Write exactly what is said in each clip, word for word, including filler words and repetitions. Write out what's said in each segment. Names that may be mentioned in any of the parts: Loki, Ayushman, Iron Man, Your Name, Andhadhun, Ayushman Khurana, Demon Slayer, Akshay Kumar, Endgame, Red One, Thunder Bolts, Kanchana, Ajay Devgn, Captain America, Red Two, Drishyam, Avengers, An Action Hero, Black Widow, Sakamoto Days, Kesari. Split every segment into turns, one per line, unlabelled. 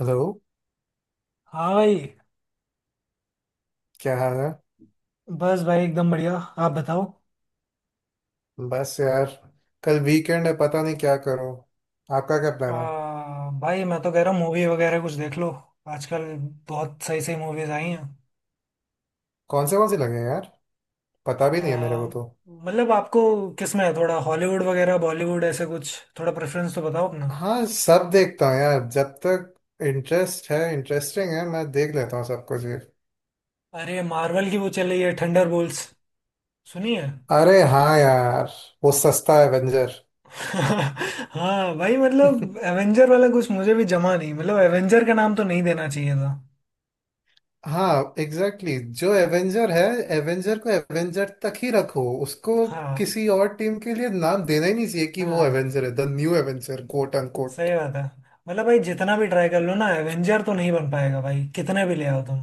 Hello.
हाँ भाई।
क्या हाल है?
बस भाई एकदम बढ़िया, आप बताओ।
बस यार, कल वीकेंड है, पता नहीं क्या करो। आपका क्या
आ,
प्लान है?
भाई मैं तो कह रहा हूँ मूवी वगैरह कुछ देख लो। आजकल बहुत सही सही मूवीज आई हैं।
कौन से कौन से लगे हैं यार, पता भी
आ,
नहीं है मेरे को तो।
मतलब आपको किस में है, थोड़ा हॉलीवुड वगैरह बॉलीवुड, ऐसे कुछ थोड़ा प्रेफरेंस तो बताओ अपना।
हाँ, सब देखता हूँ यार, जब तक इंटरेस्ट है, इंटरेस्टिंग है, मैं देख लेता हूँ सब कुछ ये।
अरे मार्वल की वो चल रही है थंडर बोल्स, सुनिए।
अरे हाँ यार, वो सस्ता एवेंजर।
हाँ भाई, मतलब एवेंजर वाला कुछ मुझे भी जमा नहीं, मतलब एवेंजर का नाम तो नहीं देना चाहिए था।
हाँ एग्जैक्टली exactly। जो एवेंजर है, एवेंजर को एवेंजर तक ही रखो उसको।
हाँ।
किसी और टीम के लिए नाम देना ही नहीं चाहिए कि वो
हाँ
एवेंजर है, the new Avenger quote unquote.
सही बात है। मतलब भाई जितना भी ट्राई कर लो ना, एवेंजर तो नहीं बन पाएगा भाई, कितने भी ले आओ तुम।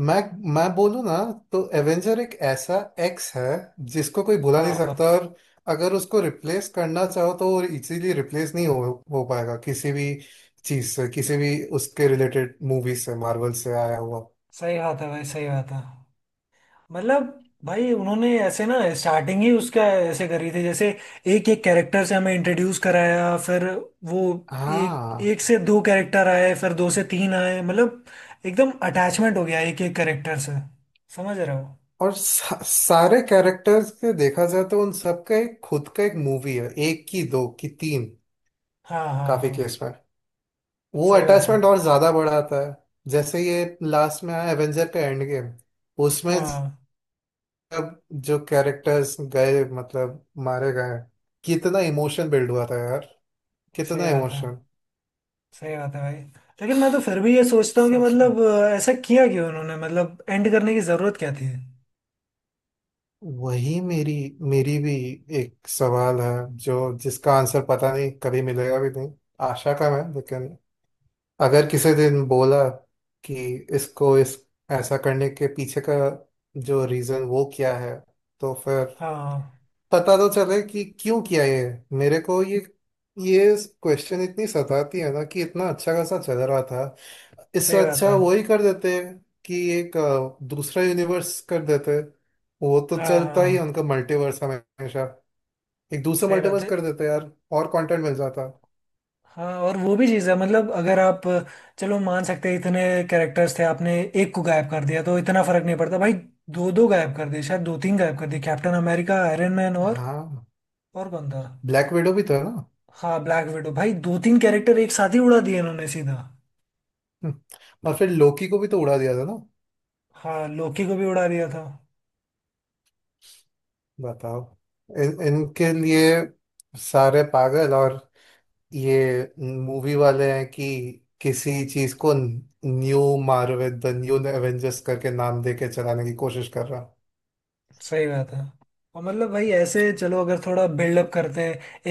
मैं मैं बोलूँ ना, तो एवेंजर एक ऐसा एक्स है जिसको कोई भुला नहीं
हाँ।
सकता। और अगर उसको रिप्लेस करना चाहो तो वो इजीली रिप्लेस नहीं हो हो पाएगा किसी भी चीज से, किसी भी उसके रिलेटेड मूवी से, मार्वल से आया हुआ।
सही बात है भाई, सही बात है। मतलब भाई उन्होंने ऐसे ना स्टार्टिंग ही उसका ऐसे करी थी जैसे एक एक कैरेक्टर से हमें इंट्रोड्यूस कराया, फिर वो एक
हाँ,
एक से दो कैरेक्टर आए, फिर दो से तीन आए, मतलब एकदम अटैचमेंट हो गया एक एक कैरेक्टर से। समझ रहे हो।
और सा, सारे कैरेक्टर्स के देखा जाए तो उन सबका एक खुद का एक मूवी है, एक की दो की तीन,
हाँ हाँ
काफी
हाँ।
केस में। वो
सही बात है।
अटैचमेंट और ज्यादा बढ़ाता है। जैसे ये लास्ट में आया एवेंजर का एंड गेम, उसमें
हाँ
अब जो कैरेक्टर्स गए, मतलब मारे गए, कितना इमोशन बिल्ड हुआ था यार,
सही
कितना
बात है।
इमोशन।
सही बात है भाई। लेकिन मैं तो फिर भी ये सोचता हूँ कि
सच में,
मतलब अ, ऐसा किया क्यों उन्होंने, मतलब एंड करने की जरूरत क्या थी।
वही मेरी मेरी भी एक सवाल है, जो जिसका आंसर पता नहीं कभी मिलेगा भी नहीं। आशा कम है, लेकिन अगर किसी दिन बोला कि इसको इस ऐसा करने के पीछे का जो रीजन वो क्या है, तो फिर
हाँ।
पता तो चले कि क्यों किया ये। मेरे को ये ये क्वेश्चन इतनी सताती है ना, कि इतना अच्छा खासा चल रहा था, इससे
सही बात
अच्छा
है।
वही कर देते कि एक अ, दूसरा यूनिवर्स कर देते। वो तो
हाँ
चलता ही है
हाँ
उनका मल्टीवर्स हमेशा। एक दूसरा
सही बात
मल्टीवर्स
है।
कर देते यार, और कंटेंट मिल जाता।
हाँ और वो भी चीज़ है, मतलब अगर आप, चलो मान सकते हैं, इतने कैरेक्टर्स थे आपने एक को गायब कर दिया तो इतना फर्क नहीं पड़ता भाई। दो दो गायब कर दिए, शायद दो तीन गायब कर दिए, कैप्टन अमेरिका, आयरन मैन और
हाँ,
और कौन था।
ब्लैक विडो भी था ना।
हाँ ब्लैक विडो भाई, दो तीन कैरेक्टर एक साथ ही उड़ा दिए इन्होंने सीधा।
हम्म, और फिर लोकी को भी तो उड़ा दिया था ना।
हाँ लोकी को भी उड़ा दिया था।
बताओ, इन, इनके लिए सारे पागल। और ये मूवी वाले हैं कि किसी चीज को new Marvel the new Avengers करके नाम देके चलाने की कोशिश कर रहा हूँ।
सही बात है। और मतलब भाई ऐसे चलो, अगर थोड़ा बिल्डअप करते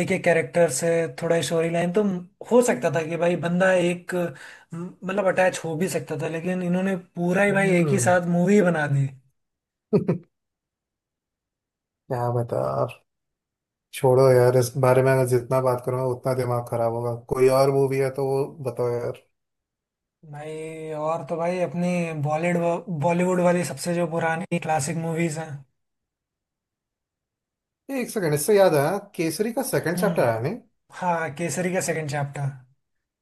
एक एक कैरेक्टर से, थोड़ा स्टोरी लाइन तो हो सकता था कि भाई बंदा एक, म, मतलब अटैच हो भी सकता था, लेकिन इन्होंने पूरा ही भाई एक ही
हम्म,
साथ मूवी बना दी।
क्या बता आप, छोड़ो यार इस बारे में। मैं जितना बात करूंगा उतना दिमाग खराब होगा। कोई और मूवी है तो वो बताओ यार।
भाई और तो भाई अपनी बॉलीवुड, बॉलीवुड वाली सबसे जो पुरानी क्लासिक मूवीज हैं।
ये एक सेकंड, इससे याद आया, केसरी का सेकंड चैप्टर
हम्म।
आया नहीं?
हाँ केसरी का सेकंड चैप्टर,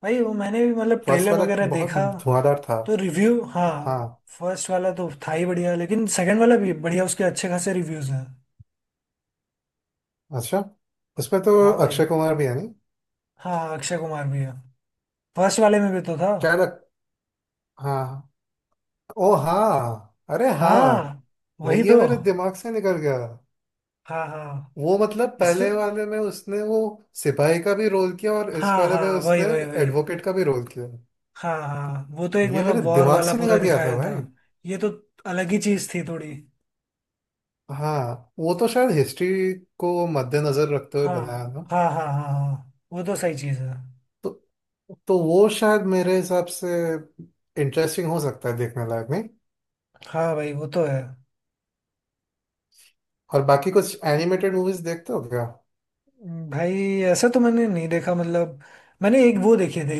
भाई वो मैंने भी मतलब
फर्स्ट
ट्रेलर
वाला
वगैरह
बहुत
देखा
धुआंधार था।
तो रिव्यू, हाँ
हाँ।
फर्स्ट वाला तो था ही बढ़िया, लेकिन सेकंड वाला भी बढ़िया, उसके अच्छे खासे रिव्यूज हैं।
अच्छा, उसमें तो
हाँ भाई।
अक्षय कुमार भी है नहीं?
हाँ अक्षय कुमार भी है, फर्स्ट वाले में भी तो था।
क्या लग, हाँ, ओ हाँ, अरे हाँ,
हाँ
मैं
वही
ये
तो।
मेरे दिमाग से निकल गया।
हाँ हाँ।
वो मतलब
इसमें,
पहले वाले में उसने वो सिपाही का भी रोल किया, और इस
हाँ
वाले में
हाँ वही
उसने
वही वही
एडवोकेट का भी रोल किया।
हाँ हाँ वो तो एक
ये
मतलब
मेरे
वॉर
दिमाग
वाला
से
पूरा
निकल गया था
दिखाया था।
भाई।
ये तो अलग ही चीज थी थोड़ी।
हाँ, वो तो शायद हिस्ट्री को मद्देनजर रखते हुए
हाँ
बनाया ना।
हाँ हाँ हाँ, हाँ वो तो सही चीज है।
तो तो वो शायद मेरे हिसाब से इंटरेस्टिंग हो सकता है, देखने लायक नहीं।
हाँ भाई वो तो है।
और बाकी कुछ एनिमेटेड मूवीज देखते हो क्या?
भाई ऐसा तो मैंने नहीं देखा, मतलब मैंने एक वो देखी थी,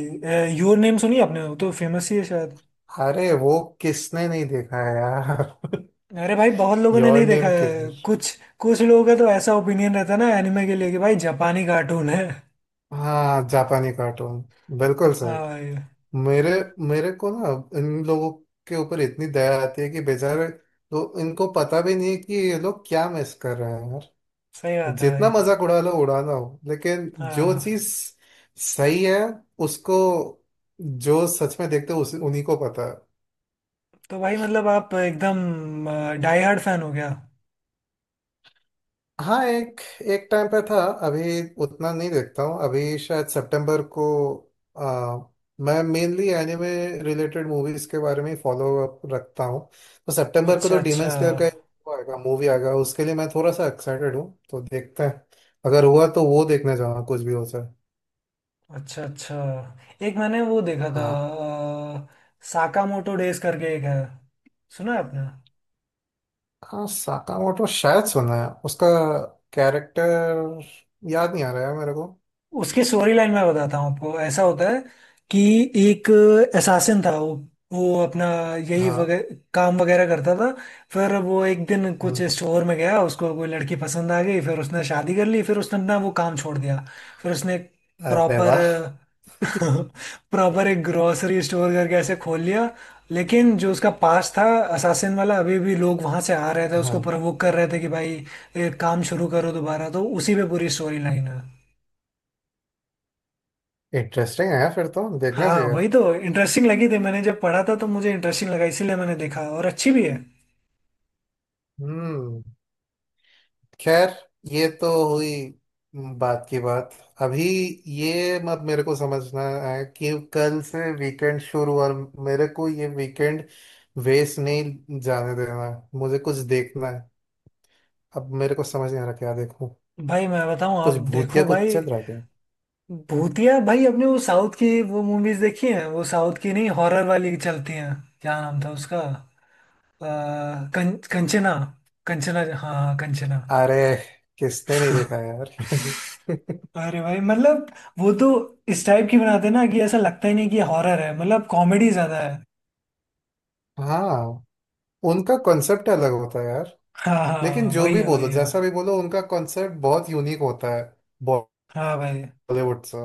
योर नेम, सुनी आपने, वो तो फेमस ही है शायद।
अरे वो किसने नहीं देखा है यार।
अरे भाई बहुत लोगों ने
योर
नहीं देखा
नेम
है।
किधर।
कुछ कुछ लोगों का तो ऐसा ओपिनियन रहता है ना एनिमे के लिए कि भाई जापानी कार्टून है।
हाँ, जापानी कार्टून, बिल्कुल सही।
हाँ भाई।
मेरे मेरे को ना, इन लोगों के ऊपर इतनी दया आती है कि बेचारे तो इनको पता भी नहीं है कि ये लोग क्या मिस कर रहे हैं यार।
सही बात है
जितना
भाई।
मजाक उड़ा लो उड़ाना हो, लेकिन जो चीज
हाँ
सही है उसको जो सच में देखते हैं उस उन्हीं को पता है।
तो भाई मतलब आप एकदम डाई हार्ड फैन हो गया।
हाँ, एक एक टाइम पे था। अभी उतना नहीं देखता हूँ। अभी शायद सितंबर को आ, मैं मेनली एनिमे रिलेटेड मूवीज के बारे में फॉलो अप रखता हूँ। तो सितंबर को
अच्छा
तो
अच्छा।
डीमन स्लेयर का एक वो आएगा, मूवी आएगा, उसके लिए मैं थोड़ा सा एक्साइटेड हूँ, तो देखते हैं। अगर हुआ तो वो देखने जाऊंगा, कुछ भी हो जाए।
अच्छा अच्छा। एक मैंने वो देखा था,
हाँ,
साकामोटो डेज करके एक है, सुना है आपने।
हाँ साकामोटो शायद सुना है, उसका कैरेक्टर याद नहीं आ रहा है मेरे को।
उसके स्टोरी लाइन मैं बताता हूँ आपको, ऐसा होता है कि एक असासिन था वो वो अपना यही
हाँ।
वगैरह काम वगैरह करता था। फिर वो एक दिन कुछ
हम्म,
स्टोर में गया, उसको कोई लड़की पसंद आ गई, फिर उसने शादी कर ली, फिर उसने अपना वो काम छोड़ दिया। फिर उसने
अरे
प्रॉपर,
वाह,
प्रॉपर एक ग्रोसरी स्टोर करके ऐसे खोल लिया। लेकिन जो उसका पास था असासिन वाला, अभी भी लोग वहां से आ रहे थे उसको प्रवोक कर रहे थे कि भाई ये काम शुरू करो दोबारा, तो उसी पे पूरी स्टोरी लाइन है।
इंटरेस्टिंग है, फिर तो देखना
हाँ
चाहिए।
वही तो इंटरेस्टिंग लगी थी, मैंने जब पढ़ा था तो मुझे इंटरेस्टिंग लगा, इसीलिए मैंने देखा, और अच्छी भी है।
हम्म। खैर, ये तो हुई बात की बात। अभी ये मत मेरे को समझना है कि कल से वीकेंड शुरू, और मेरे को ये वीकेंड वेस्ट नहीं जाने देना है, मुझे कुछ देखना है। अब मेरे को समझ नहीं आ रहा क्या देखूं।
भाई मैं बताऊं, आप
कुछ भूतिया
देखो
कुछ
भाई।
चल रहा है क्या?
भूतिया, भाई आपने वो साउथ की वो मूवीज देखी हैं, वो साउथ की नहीं, हॉरर वाली चलती हैं, क्या नाम था उसका, आ, कं, कंचना, कंचना हाँ हाँ कंचना।
अरे किसने नहीं देखा यार।
अरे भाई मतलब वो तो इस टाइप की बनाते हैं ना कि ऐसा लगता ही नहीं कि हॉरर है, मतलब कॉमेडी ज्यादा है।
हाँ, उनका कॉन्सेप्ट अलग होता है।
हाँ
लेकिन
हाँ
जो
वही
भी
है, वही
बोलो
है
जैसा भी बोलो, उनका कॉन्सेप्ट बहुत यूनिक होता है
हाँ भाई
बॉलीवुड से।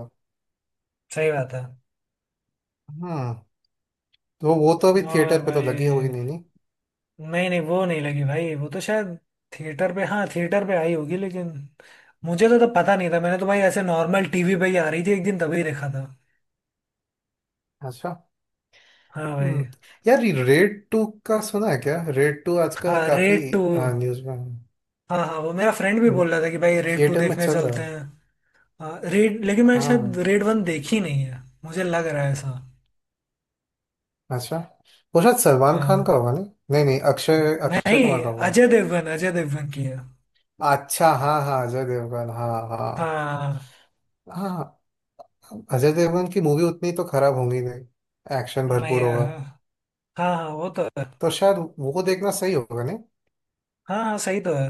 सही बात है।
हम्म, तो वो तो अभी
और
थिएटर पे तो
भाई
लगी होगी नहीं, नहीं?
नहीं नहीं, वो नहीं लगी भाई, वो तो शायद थिएटर पे, हाँ थिएटर पे आई होगी लेकिन मुझे तो तब पता नहीं था, मैंने तो भाई ऐसे नॉर्मल टीवी पे ही आ रही थी एक दिन तभी देखा था।
अच्छा।
हाँ भाई।
हम्म। यार, रेड टू का सुना है क्या? रेड टू आजकल
हाँ
काफी
रेड टू,
न्यूज में
हाँ हाँ वो मेरा फ्रेंड भी
है,
बोल रहा था कि भाई रेड टू
थिएटर में
देखने
चल रहा
चलते
है।
हैं। हाँ रेड, लेकिन मैंने शायद
हाँ।
रेड वन देखी नहीं है, मुझे लग रहा है ऐसा।
अच्छा, वो शायद सलमान खान
हाँ
का होगा नहीं? नहीं नहीं, अक्षय अक्षय कुमार
नहीं,
का होगा।
अजय देवगन, अजय देवगन की है।
अच्छा, हाँ हाँ, अजय देवगन, हाँ हाँ।
हाँ।
हाँ, अजय देवगन की मूवी उतनी तो खराब होंगी नहीं, एक्शन
मैं
भरपूर
हाँ।
होगा।
हाँ हाँ, वो तो है।
तो शायद वो देखना सही होगा नहीं।
हाँ हाँ सही तो है।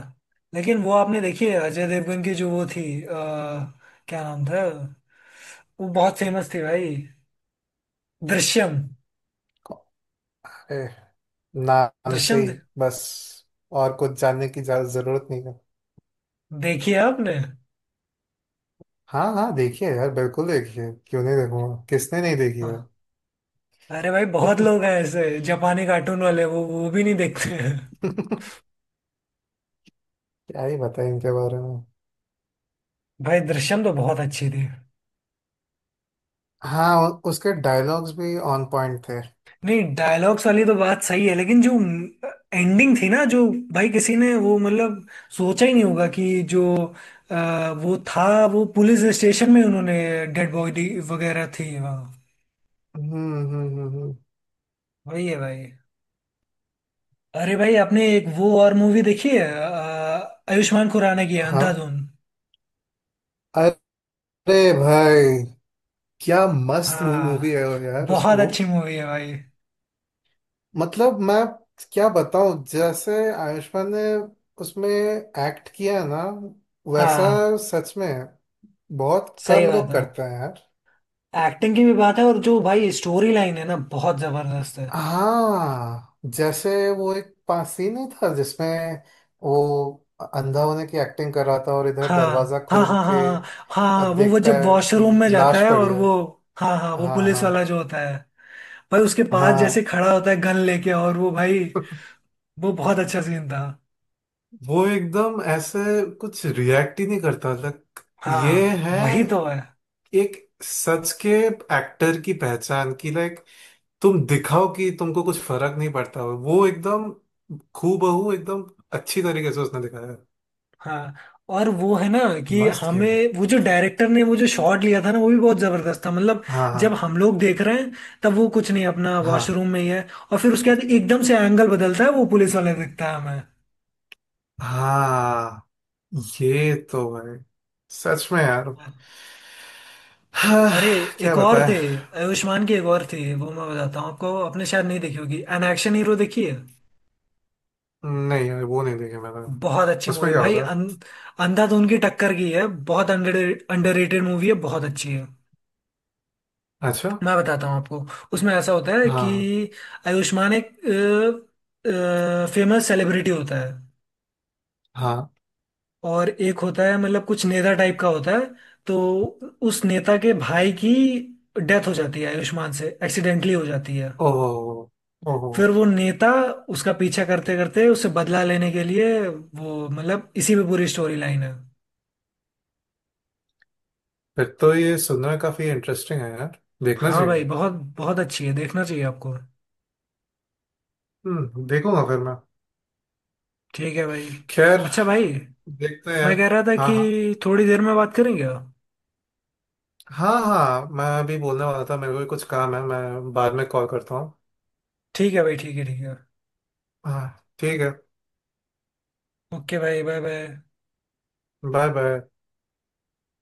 लेकिन वो आपने देखी है अजय देवगन की जो वो थी अ, क्या नाम था, वो बहुत फेमस थी भाई, दृश्यम,
अरे, नाम से
दृश्यम
ही
दे-
बस, और कुछ जानने की ज्यादा जरूरत नहीं है।
देखी है आपने।
हाँ हाँ, देखिए यार, बिल्कुल देखिए, क्यों नहीं देखूंगा? किसने नहीं देखी है?
हाँ। अरे भाई बहुत लोग हैं ऐसे जापानी कार्टून वाले, वो वो भी नहीं देखते हैं।
क्या ही बताएं इनके बारे में।
भाई दृश्यम तो बहुत अच्छी थी।
हाँ, उ- उसके डायलॉग्स भी ऑन पॉइंट थे।
नहीं डायलॉग्स वाली तो बात सही है, लेकिन जो एंडिंग थी ना जो, भाई किसी ने वो मतलब सोचा ही नहीं होगा कि जो अ, वो था, वो पुलिस स्टेशन में उन्होंने डेड बॉडी वगैरह थी वहाँ,
हम्म हम्म हम्म हम्म,
वही है भाई। अरे भाई आपने एक वो और मूवी देखी है अ, आयुष्मान खुराना की है,
हाँ,
अंधाधुन।
अरे भाई क्या मस्त मूवी
हाँ
है वो यार, उस
बहुत
वो।
अच्छी मूवी है भाई।
मतलब मैं क्या बताऊं, जैसे आयुष्मान ने उसमें एक्ट किया है ना वैसा
हाँ
सच में बहुत
सही
कम
बात
लोग
है,
करते हैं यार।
एक्टिंग की भी बात है और जो भाई स्टोरी लाइन है ना बहुत जबरदस्त है।
हाँ जैसे, वो एक पास सीन ही था जिसमें वो अंधा होने की एक्टिंग कर रहा था, और इधर
हाँ
दरवाजा
हाँ
खोल
हाँ
के
हाँ। हाँ
अ,
हाँ, वो वो
देखता
जब
है
वॉशरूम
कि
में जाता
लाश
है
पड़ी
और
है।
वो, हाँ हाँ वो
हाँ
पुलिस वाला
हाँ
जो होता है, भाई उसके पास जैसे
हाँ।
खड़ा होता है गन लेके, और वो भाई, वो बहुत अच्छा सीन था।
वो एकदम ऐसे कुछ रिएक्ट ही नहीं करता, लाइक, ये
हाँ
है
वही तो है।
एक सच के एक्टर की पहचान की। लाइक, तुम दिखाओ कि तुमको कुछ फर्क नहीं पड़ता, हो वो एकदम हूबहू एकदम अच्छी तरीके से उसने दिखाया है।
हाँ और वो है ना कि
मस्त किया है।
हमें वो जो डायरेक्टर ने वो जो शॉट लिया था ना, वो भी बहुत जबरदस्त था, मतलब
हाँ
जब
हाँ
हम लोग देख रहे हैं तब वो कुछ नहीं, अपना
हाँ
वॉशरूम में ही है, और फिर उसके बाद एकदम से एंगल बदलता है, वो पुलिस वाला दिखता है हमें।
हाँ, ये तो भाई सच में यार। हाँ,
अरे
क्या
एक और
बताएं।
थे, आयुष्मान की एक और थी वो मैं बताता हूँ आपको, आपने शायद नहीं देखी होगी, एन एक्शन हीरो, देखी है।
नहीं यार, वो नहीं देखे मैंने।
बहुत अच्छी
उसमें
मूवी
क्या
भाई,
होता
अं, अंधाधुन की टक्कर की है। बहुत अंडर अंडररेटेड मूवी है, बहुत अच्छी है।
है? अच्छा,
मैं बताता हूँ आपको, उसमें ऐसा होता है कि
हाँ
आयुष्मान एक फेमस सेलिब्रिटी होता है,
हाँ,
और एक होता है मतलब कुछ नेता टाइप का होता है। तो उस नेता के भाई की डेथ हो जाती है, आयुष्मान से एक्सीडेंटली हो जाती है।
ओहो ओहो,
फिर वो नेता उसका पीछा करते करते उससे बदला लेने के लिए वो, मतलब इसी में पूरी स्टोरी लाइन है।
फिर तो ये सुनना काफी इंटरेस्टिंग है यार, देखना
हाँ भाई
चाहिए।
बहुत, बहुत अच्छी है, देखना चाहिए आपको।
हम्म, देखूंगा फिर मैं।
ठीक है भाई।
खैर,
अच्छा भाई
देखते हैं
मैं
यार।
कह रहा था
हाँ हाँ,
कि थोड़ी देर में बात करेंगे आप।
हाँ हाँ, मैं अभी बोलने वाला था, मेरे को भी कुछ काम है, मैं बाद में कॉल करता हूँ।
ठीक है भाई, ठीक है ठीक है।
हाँ ठीक है,
ओके भाई, बाय बाय।
Bye bye.